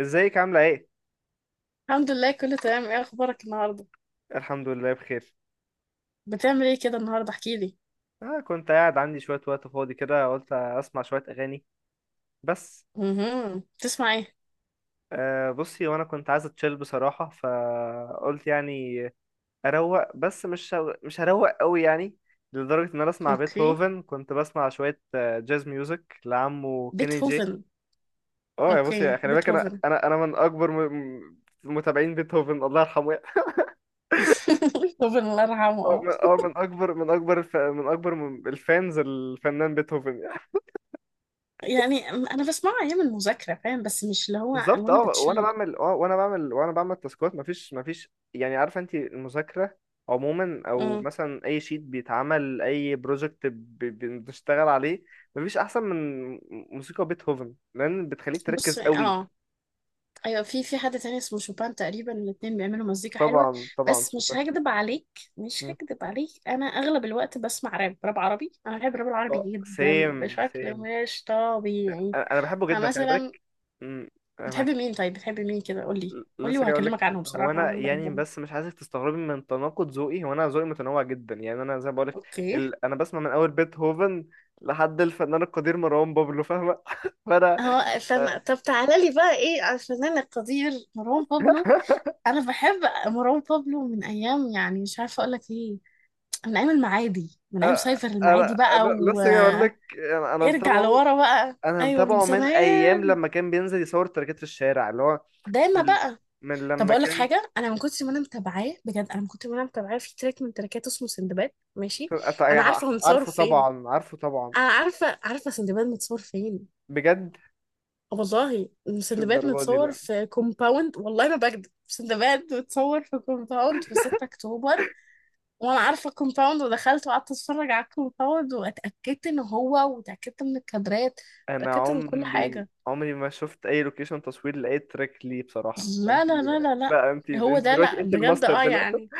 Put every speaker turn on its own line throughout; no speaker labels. ازيك عاملة ايه؟
الحمد لله كله تمام، ايه اخبارك النهارده؟
الحمد لله بخير.
بتعمل ايه كده النهارده احكي لي؟
كنت قاعد عندي شوية وقت فاضي كده، قلت اسمع شوية اغاني بس.
تسمع ايه؟
بصي، وانا كنت عايز اتشيل بصراحة، فقلت يعني اروق، بس مش هروق قوي يعني، لدرجة ان انا اسمع
اوكي.
بيتهوفن. كنت بسمع شوية جاز ميوزك لعمه كيني جي.
بيتهوفن.
اه يا
اوكي
بصي، خلي بالك، انا
بيتهوفن.
انا انا من متابعين بيتهوفن الله يرحمه.
بيتهوفن الله يرحمه،
اه
اه.
من من اكبر الفانز الفنان بيتهوفن.
يعني انا بسمعه ايام المذاكره فاهم، بس مش اللي هو
بالظبط،
وانا
اه وانا
بتشل.
بعمل تاسكات، مفيش يعني، عارفه انت المذاكره عموما، او
امم
مثلا اي شيت بيتعمل، اي بروجكت بنشتغل عليه، مفيش احسن من موسيقى بيتهوفن، لان بتخليك
بص،
تركز قوي.
اه. ايوه، في حد تاني اسمه شوبان تقريبا، الاتنين بيعملوا مزيكا حلوه.
طبعا طبعا،
بس مش
شبه.
هكدب عليك، مش هكدب عليك، انا اغلب الوقت بسمع راب، راب عربي، انا بحب الراب العربي
اه
جدا
سيم
بشكل
سيم،
مش طبيعي.
انا بحبه جدا، خلي
فمثلا
بالك. مم، أنا
بتحبي
معاك.
مين؟ طيب بتحبي مين كده قولي؟ قولي
لسه جاي اقول لك.
وهكلمك عنهم
هو
بصراحة
انا
عشان
يعني،
بحبهم.
بس مش عايزك تستغربي من تناقض ذوقي. هو انا ذوقي متنوع جدا يعني. انا زي ما بقول لك،
اوكي.
انا بسمع من اول بيتهوفن لحد الفنان القدير مروان بابلو، فاهمه؟ فانا
هو
آه،
استنى، طب تعالى لي بقى ايه على الفنان القدير مروان بابلو؟ انا بحب مروان بابلو من ايام، يعني مش عارفة اقول لك ايه، من ايام المعادي، من ايام سايفر المعادي
انا
بقى
لسه جاي اقول
وارجع
لك. انا متابعه،
لورا بقى.
انا
ايوه من
متابعه من ايام
زمان.
لما كان بينزل يصور تركات في الشارع، اللي هو
دايما
من,
بقى.
من
طب
لما
اقول لك
كان.
حاجه، انا من كنت ما انا متابعاه، بجد انا من كنت ما انا متابعاه، في تراك من تراكاته اسمه سندباد، ماشي؟ انا عارفه هو متصور
عارفه
فين.
طبعا، عارفه طبعا.
انا عارفه سندباد متصور فين.
بجد،
والله،
مش
سندباد
الدرجه دي
متصور
لا.
في كومباوند، والله ما بكدب، سندباد متصور في كومباوند في 6 اكتوبر. وانا عارفه الكومباوند، ودخلت وقعدت اتفرج على الكومباوند، واتاكدت ان هو، واتاكدت من الكادرات،
انا
اتاكدت من كل
عمري
حاجه.
عمري ما شفت اي لوكيشن تصوير لاي تراك ليه بصراحه، فانت
لا لا لا لا لا،
بقى، انت
هو
انت
ده،
دلوقتي
لا
انت
بجد
الماستر
اه
دلوقتي.
يعني.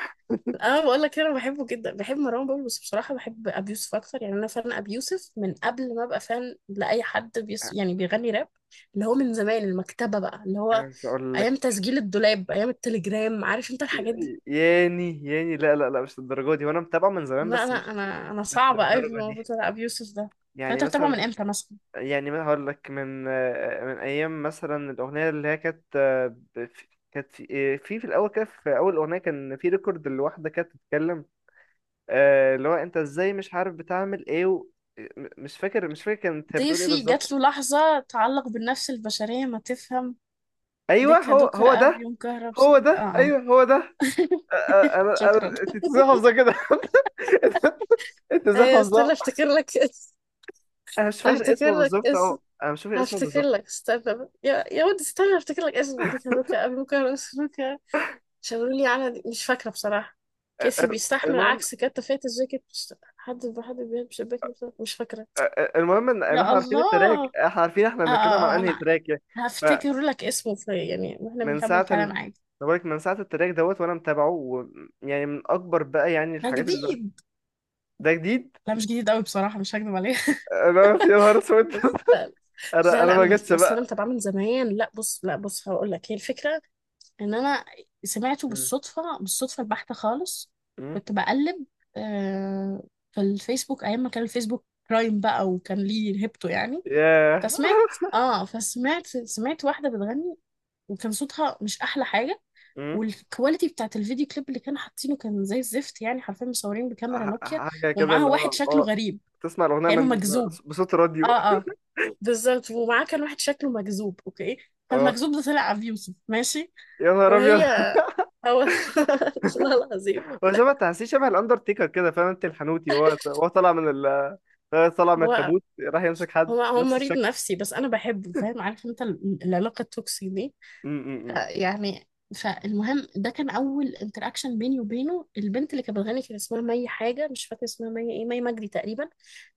انا بقول لك، انا بحبه جدا، بحب مروان بابلو، بس بصراحه بحب ابي يوسف اكتر، يعني انا فان ابي يوسف من قبل ما ابقى فان لاي حد بيس يعني بيغني راب. اللي هو من زمان المكتبه بقى، اللي هو
عايز اقول لك،
ايام تسجيل الدولاب، ايام التليجرام، عارف انت الحاجات دي.
ياني لا لا لا، مش للدرجه دي، وانا متابعه من زمان،
لا
بس
انا
مش،
انا انا
مش
صعبه قوي في
للدرجه
الموضوع
دي.
بتاع ابي يوسف ده.
يعني
فانت بتابعه من
مثلا،
امتى مثلا؟
يعني ما هقول لك من من ايام مثلا الاغنيه اللي هي كانت كانت في في الاول كده، في اول اغنيه كان في ريكورد لواحده كانت بتتكلم. اللي هو انت ازاي مش عارف بتعمل ايه و... م- مش فاكر مش فاكر كانت هي بتقول ايه
ضيفي
بالظبط.
جات له لحظه تعلق بالنفس البشريه ما تفهم،
ايوه،
دكا
هو
دوكا
هو
اب
ده.
يوم كهرب
هو
سبت اه
ده،
آه.
ايوه هو ده. آه، آه، انا انا
شكرا.
انت ازاي حافظه كده؟ انت، أنت ازاي
ايوه
حافظه؟
استنى افتكر لك اسم،
انا مش فاكر
افتكر
اسمه
لك
بالظبط،
اسم.
اهو انا مش فاكر اسمه
هفتكر
بالظبط.
لك استنى بقى. يا يا ودي، استنى هفتكر لك اسمه، دي كادوكا ابوكا راسلوكا، شاورولي على دي. مش فاكره بصراحه.
آه،
كيسي
آه،
بيستحمل
المهم
عكس كتة فات الجاكيت مش حد بحد بيلبس شباك. مش فاكره.
المهم ان
يا
احنا عارفين التراك،
الله.
احنا عارفين احنا
آه, آه,
بنتكلم
آه
عن انهي
انا
تراك يعني.
هفتكر لك اسمه، في يعني واحنا
فمن
بنكمل
ساعه
كلام
ال
عادي.
بقولك من ساعه التراك دوت وانا متابعه يعني من اكبر بقى، يعني
ده
الحاجات اللي،
جديد؟
ده جديد.
لا مش جديد قوي بصراحه، مش هكدب عليك.
انا قلت يا نهار اسود.
بس
انا
لا لا،
ما
انا
جاتش
اصلا انا
بقى.
متابعه من زمان. لا بص، لا بص هقول لك، هي الفكره ان انا سمعته
مم.
بالصدفه، بالصدفه البحته خالص.
مم.
كنت بقلب آه، في الفيسبوك ايام ما كان الفيسبوك برايم بقى وكان ليه هيبته يعني.
ياه.
فسمعت واحده بتغني، وكان صوتها مش احلى حاجه،
مم.
والكواليتي بتاعت الفيديو كليب اللي كانوا حاطينه كان زي الزفت، يعني حرفيا مصورين بكاميرا نوكيا،
حاجه كده
ومعاها
اللي
واحد
هو
شكله
اه،
غريب
تسمع الاغنيه
كأنه
من
مجذوب.
بصوت راديو.
اه اه بالظبط، ومعاه كان واحد شكله مجذوب، اوكي؟
اه
فالمجذوب ده طلع ابي يوسف، ماشي.
يا نهار ابيض.
وهي، هو والله العظيم.
هو شبه، تحسيه شبه الاندرتيكر كده، فاهم انت الحنوتي، وهو، طالع من طالع من
هو
التابوت راح يمسك حد
هو
نفس
مريض
الشكل.
نفسي بس انا بحبه فاهم، عارف انت العلاقه التوكسي دي.
م- م- م.
يعني فالمهم، ده كان اول انتراكشن بيني وبينه. البنت اللي كانت بتغني كان اسمها مي حاجه، مش فاكره اسمها مي ايه، مي مجدي تقريبا.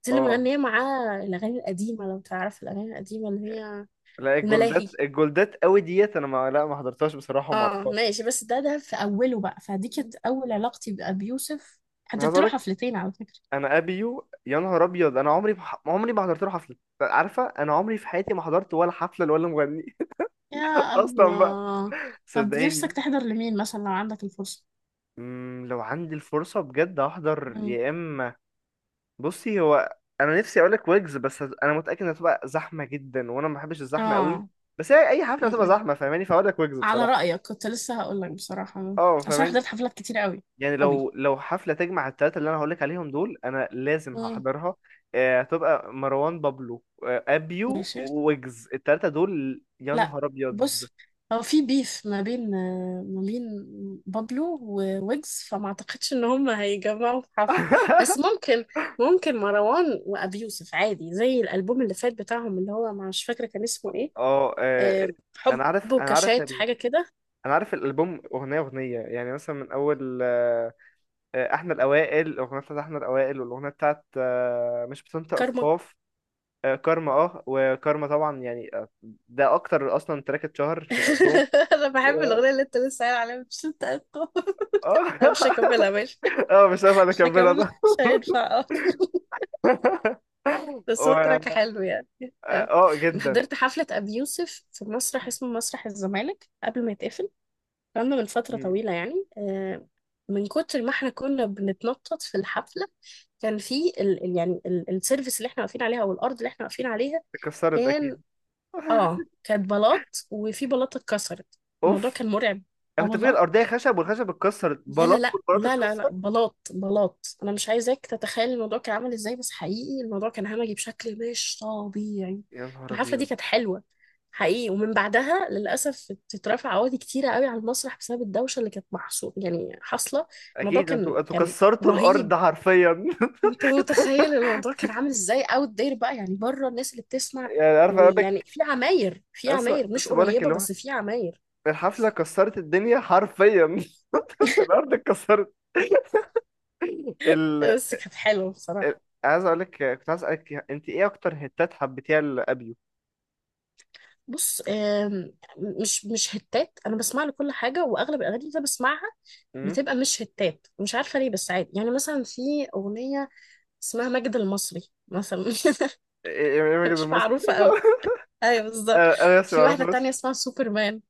دي اللي
اه
مغنيه معاه الاغاني القديمه، لو تعرف الاغاني القديمه اللي هي
لا، الجولدات،
الملاهي.
الجولدات قوي ديت، انا ما، لا ما حضرتهاش بصراحه وما
اه
اعرفهاش.
ماشي، بس ده في اوله بقى، فدي كانت اول
مم.
علاقتي بأبي يوسف.
عايز
حضرت
اقول
له
لك،
حفلتين على فكره.
انا ابيو يا نهار ابيض. انا عمري ما حضرت له حفله. عارفه انا عمري في حياتي ما حضرت ولا حفله ولا مغني.
يا
اصلا بقى،
الله. طب نفسك
صدقيني.
تحضر لمين مثلا لو عندك الفرصة؟
لو عندي الفرصه بجد احضر
مم.
يا اما، بصي هو انا نفسي اقول لك ويجز، انا متاكد انها تبقى زحمه جدا، وانا ما بحبش الزحمه قوي،
اه،
بس هي اي حفله هتبقى
مم.
زحمه فاهماني، فاقول لك ويجز
على
بصراحه.
رأيك، كنت لسه هقول لك بصراحة، مم،
اه
عشان
فاهماني.
حضرت حفلات كتير قوي.
يعني
قوي.
لو حفلة تجمع التلاتة اللي أنا هقولك عليهم دول، أنا لازم
مم.
هحضرها. هتبقى مروان بابلو، أبيو،
ماشي.
ويجز، التلاتة دول يا
لا،
نهار أبيض.
بص، هو في بيف ما بين، ما بين بابلو وويجز، فما اعتقدش ان هم هيجمعوا في حفل. بس ممكن، ممكن مروان وابي يوسف عادي، زي الالبوم اللي فات بتاعهم اللي هو مش فاكرة كان اسمه ايه.
اه،
آه، حب
أنا عارف أنا عارف
وكاشات
ال-
حاجة كده.
أنا عارف الألبوم. أغنية يعني مثلا، من أول إحنا الأوائل، الأغنية بتاعت إحنا الأوائل، والأغنية بتاعت مش بتنطق
كارما.
القاف، كارما، اه وكارما طبعا يعني، ده أكتر أصلا تراك اتشهر في الألبوم.
انا
و...
بحب الاغنيه اللي انت لسه قايل عليها مش انت أقوى.
اه.
انا مش هكملها ماشي.
اه مش عارف
مش
اكملها
هكملها،
ده.
مش هينفع اه. بس هو
و...
تراك حلو يعني. اه.
اه
انا
جدا.
حضرت حفله ابي يوسف في مسرح اسمه مسرح الزمالك قبل ما يتقفل. كان من فتره
مم.
طويله يعني، من كتر ما احنا كنا بنتنطط في الحفله، كان في السيرفيس اللي احنا واقفين عليها، او الارض اللي احنا واقفين عليها
اتكسرت
كان،
اكيد.
اه، كانت بلاط، وفي بلاطه اتكسرت. الموضوع
اوف،
كان مرعب. اه
انا كنت فاكر
والله.
الارضيه خشب، والخشب اتكسرت
لا لا
بلاط،
لا
والبلاط
لا لا
اتكسر.
لا، بلاط بلاط، انا مش عايزاك تتخيل الموضوع كان عامل ازاي، بس حقيقي الموضوع كان همجي بشكل مش طبيعي.
يا نهار
الحفله دي
ابيض،
كانت حلوه حقيقي، ومن بعدها للاسف اترفع عقود كتيره قوي على المسرح بسبب الدوشه اللي كانت محصو يعني حاصله. الموضوع
اكيد انتوا،
كان
انتوا
كان
كسرتوا
رهيب.
الارض حرفيا.
انت متخيل الموضوع كان عامل ازاي اوت داير بقى، يعني بره الناس اللي بتسمع،
يعني عارف اقول
ويعني
لك،
في عماير، في
لسه،
عماير مش
لسه بقول لك
قريبه
اللي هو،
بس في عماير.
الحفله كسرت الدنيا حرفيا. الارض اتكسرت. ال...
بس كانت حلوه بصراحه.
عايز اقول لك، كنت عايز اسالك انت ايه اكتر هتات حبيتيها لابيو؟
بص مش هتات، انا بسمع لكل حاجه، واغلب الاغاني اللي أنا بسمعها
امم،
بتبقى مش هتات، مش عارفه ليه، بس عادي. يعني مثلا في اغنيه اسمها مجد المصري مثلا.
ايه، إيه- إيه المجد
مش
المصري؟
معروفه قوي. ايوه بالظبط.
انا لسه
في
ما
واحده
اعرفهاش.
تانية اسمها سوبرمان.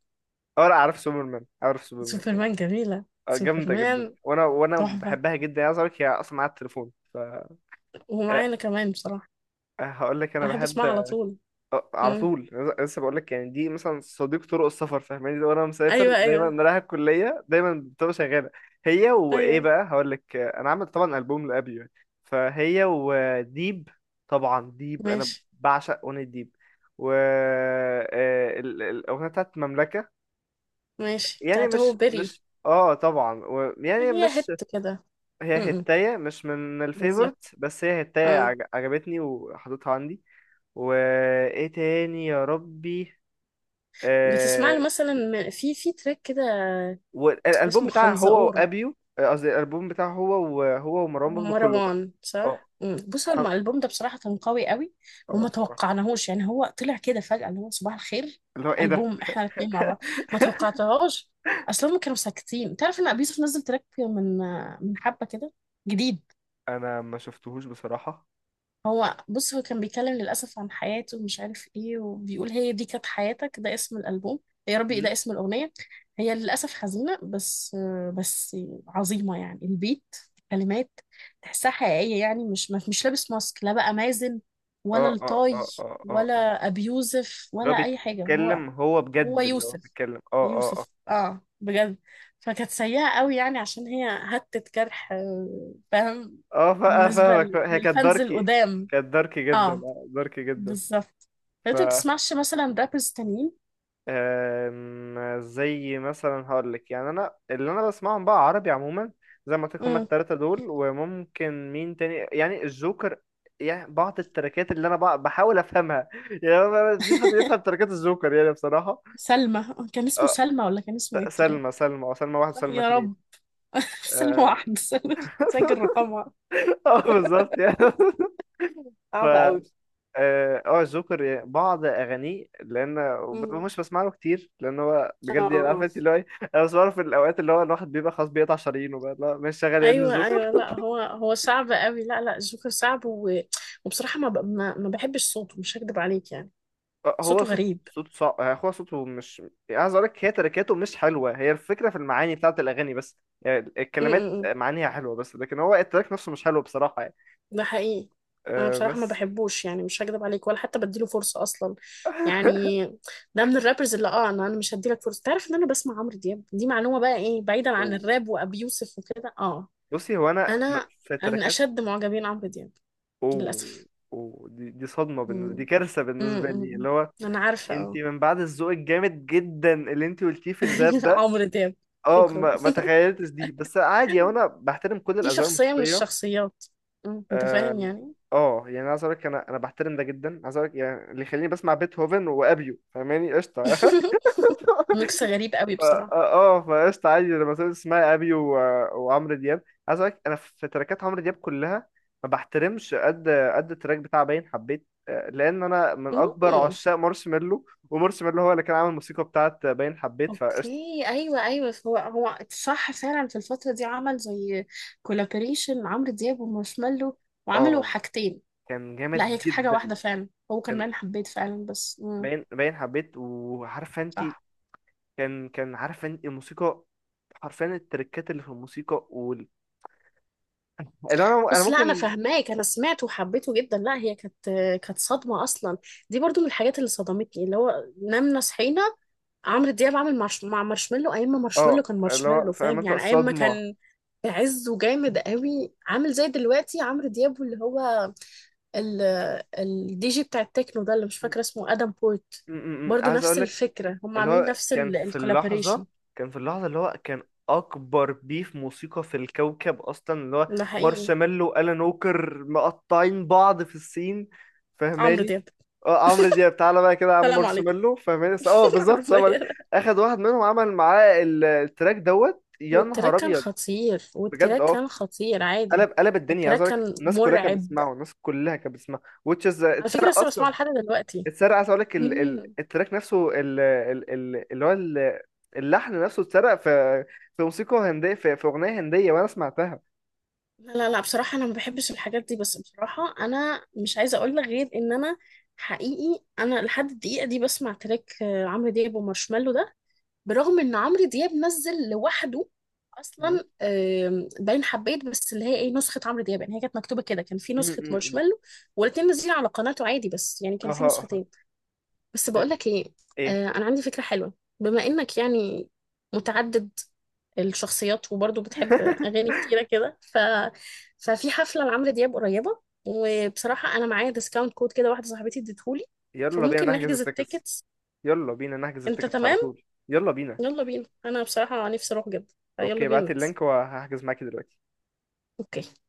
اه لا، عارف سوبرمان، عارف سوبرمان يعني.
سوبرمان جميله،
اه جامدة
سوبرمان
جدا، وانا
تحفه،
بحبها جدا يعني. عايز اقول لك، هي اصلا معايا التليفون، ف أه، أه،
ومعانا كمان بصراحه.
هقول لك انا
أنا احب
بحب
اسمعها على
اه
طول.
على
مم.
طول. أنا لسه بقول لك يعني، دي مثلا صديق طرق السفر فاهماني، وانا مسافر
ايوه.
دايما، رايح الكلية دايما بتبقى شغالة. هي وايه
ايوه
بقى، هقول لك اه، انا عامل طبعا ألبوم لأبي يعني، فهي وديب. طبعا ديب انا
ماشي.
بعشق اغنية ديب، و اه الاغنية بتاعت مملكة.
ماشي
يعني
بتاعته هو
مش،
بيري.
مش اه طبعا و... يعني
هي
مش،
هت كده، م-
هي
م.
هتاية مش من
بالظبط.
الفيفورت، بس هي هتاية
آه.
عجبتني وحطيتها عندي. وايه تاني يا ربي؟
بتسمع له
آه...
مثلا، في في تراك كده
والالبوم
اسمه
بتاعه هو
خنزقور
وابيو، قصدي الالبوم بتاعه هو وهو ومروان بابلو كله بقى.
ومروان،
اه،
صح؟ مم. بص، هو
ح-
الالبوم ده بصراحة كان قوي قوي،
اه
وما
بصراحة.
توقعناهوش يعني، هو طلع كده فجأة اللي هو صباح الخير.
اللي هو ايه ده،
ألبوم احنا الاثنين مع بعض، ما توقعتهاش. اصلا هم كانوا ساكتين، تعرف ان ابيوسف نزل تراك من حبة كده جديد.
انا ما شفتهوش بصراحة.
هو بص، هو كان بيتكلم للأسف عن حياته ومش عارف ايه، وبيقول هي دي كانت حياتك، ده اسم الألبوم، يا ربي
مم.
ده اسم الأغنية. هي للأسف حزينة، بس بس عظيمة يعني. البيت، الكلمات، تحسها حقيقية، يعني مش لابس ماسك، لا بقى مازن، ولا
اه اه
الطاي،
اه اه اه اه،
ولا أبي يوسف
اللي هو
ولا أي حاجة، هو
بيتكلم هو
هو
بجد، اللي هو
يوسف،
بيتكلم اه. اه اه
يوسف اه بجد. فكانت سيئة قوي يعني عشان هي هتت جرح، فاهم،
اه،
بالنسبة
فاهمك. هي كانت
للفانز
داركي،
القدام.
كانت داركي جدا،
اه
اه داركي جدا.
بالظبط. لو انت بتسمعش مثلا رابرز تانيين.
أم، زي مثلا هقولك، يعني انا اللي انا بسمعهم بقى عربي عموما، زي ما قلت لك هما
امم.
التلاتة دول، وممكن مين تاني يعني، الجوكر يعني. بعض التراكات اللي انا بقى بحاول افهمها يعني، أنا مفيش حد بيفهم تراكات الجوكر يعني بصراحة.
سلمى، كان اسمه
أه،
سلمى ولا كان اسمه ايه التراك؟
سلمى، سلمى، او سلمى واحد
صح
وسلمى
يا
اتنين.
رب. سلمى
اه.
واحد سلمى، سجل رقمها.
بالظبط يعني. ف
صعب قوي.
اه، جوكر بعض اغانيه، لان
امم.
مش بسمع له كتير، لان هو
اه
بجد يعني عارف
آه.
انت اللي هو ايه، انا بسمعه في الاوقات اللي هو الواحد بيبقى خلاص بيقطع شرايينه بقى، لا مش شغال يا ابن
ايوه
الجوكر.
ايوه، لا هو هو صعب قوي، لا لا جوكر صعب. و... وبصراحه ما, ب... ما ما بحبش صوته، مش هكدب عليك يعني.
هو
صوته
صوت،
غريب.
صوت صعب، هو صوته مش، يعني عايز اقول لك، هي تركاته مش حلوه، هي الفكره في المعاني بتاعت الاغاني، بس يعني
م-
الكلمات
م- م.
معانيها حلوه، بس لكن هو التراك نفسه مش حلو بصراحه يعني.
ده حقيقي. انا
أه
بصراحه ما
بس.
بحبوش يعني، مش هكدب عليك، ولا حتى بديله فرصه اصلا يعني. ده من الرابرز اللي اه، انا مش هديلك فرصه، تعرف ان انا بسمع عمرو دياب؟ دي معلومه بقى، ايه بعيدا عن
أوه.
الراب وابي يوسف وكده، اه.
بصي هو انا
انا
في
من
التراكات.
اشد معجبين عمرو دياب
اوه،
للاسف.
اوه دي، دي صدمه بالنسبه، دي
مم.
كارثه
مم.
بالنسبه لي
مم.
اللي هو،
انا عارفه،
انت
اه.
من بعد الذوق الجامد جدا اللي انت قلتيه في الراب ده.
عمرو دياب،
اه
شكرا.
ما تخيلتش دي، بس عادي وانا بحترم كل
دي
الاذواق
شخصيه من
الموسيقيه.
الشخصيات، مم، انت
اه
فاهم يعني.
اه، يعني عايز اقول لك، انا بحترم ده جدا. عايز اقول لك يعني اللي يخليني بسمع بيتهوفن وابيو، فاهماني؟ قشطه.
ميكس غريب قوي
اه،
بصراحه.
فقشطة. عادي، لما سمعت اسمها ابي وعمرو دياب. عايز اقول لك، انا في تراكات عمرو دياب كلها ما بحترمش قد التراك بتاع باين حبيت، لان انا من اكبر
مم.
عشاق مارشميلو، ومارشميلو هو اللي كان عامل الموسيقى بتاعت باين حبيت، فقشطة.
اوكي. ايوه. هو صح فعلا، في الفتره دي عمل زي كولابوريشن عمرو دياب ومارشميلو، وعملوا
اه
حاجتين.
كان
لا هي
جامد
كانت حاجه واحده
جدا.
فعلا، هو كان
كان
انا حبيت فعلا بس، مم.
باين، باين حبيت، وعارفه انت،
صح.
كان، كان عارفه انت الموسيقى حرفيا، التركات اللي في الموسيقى اللي انا
بس لا انا
ممكن،
فاهماك، انا سمعته وحبيته جدا. لا هي كانت صدمه اصلا. دي برضو من الحاجات اللي صدمتني، اللي هو نمنا صحينا عمرو دياب عامل مع مارشميلو، ايام ما
اه اللي هو
مارشميلو
فاهم
فاهم
انت
يعني، ايام ما
الصدمه.
كان عزه جامد قوي، عامل زي دلوقتي عمرو دياب اللي هو ال الدي جي بتاع التكنو ده اللي مش
م-
فاكرة اسمه ادم بورت.
م- م.
برضو
عايز
نفس
اقول لك،
الفكرة، هم
اللي
عاملين
هو
نفس
كان في اللحظة،
الكولابوريشن.
كان في اللحظة اللي هو كان أكبر بيف موسيقى في الكوكب أصلا، اللي هو
ده حقيقي.
مارشميلو وألان ووكر مقطعين بعض في السين،
عمرو
فاهماني؟
دياب،
اه عمرو دياب تعالى بقى كده يا عم
سلام عليكم.
مارشميلو، فاهماني؟ بالظبط، سمري
حرفيا.
أخد واحد منهم عمل معاه التراك دوت، يا نهار أبيض. بجد
والتراك
اه،
كان خطير عادي.
قلب، قلب الدنيا. عايز
التراك
أقول لك
كان
الناس كلها كانت
مرعب.
بتسمعه، الناس كلها كانت بتسمعه، which is
على فكرة
اتسرق
لسه بسمعه
أصلا.
لحد دلوقتي.
اتسرق. عايز اقول لك
مين؟
التراك نفسه، ال... ال... ال... اللي هو ال... اللحن نفسه اتسرق في، في موسيقى هنديه، في اغنيه هنديه وانا سمعتها.
لا لا لا، بصراحة أنا ما بحبش الحاجات دي، بس بصراحة أنا مش عايزة أقول لك غير إن أنا حقيقي أنا لحد الدقيقة دي بسمع تراك عمرو دياب ومارشميلو ده، برغم ان عمرو دياب نزل لوحده
مم.
اصلا. باين حبيت، بس اللي هي ايه نسخه عمرو دياب يعني، هي كانت مكتوبه كده، كان في
مم.
نسخه
مم.
مارشميلو، والاتنين نازلين على قناته عادي، بس يعني كان في
اها اها.
نسختين. بس بقول لك ايه،
ايه؟
انا عندي فكره حلوه. بما انك يعني متعدد الشخصيات، وبرضه بتحب اغاني كتيره كده، ف ففي حفله لعمرو دياب قريبه، وبصراحه انا معايا ديسكاونت كود كده، واحده صاحبتي اديتهولي،
يلا بينا
فممكن
نحجز
نحجز
التيكتس.
التيكتس.
يلا بينا نحجز
انت
التيكتس على
تمام؟
طول. يلا بينا.
يلا بينا، انا بصراحة نفسي اروح جدا، فيلا
اوكي،
بينا
بعت
نحجز.
اللينك وهحجز معاكي دلوقتي.
اوكي.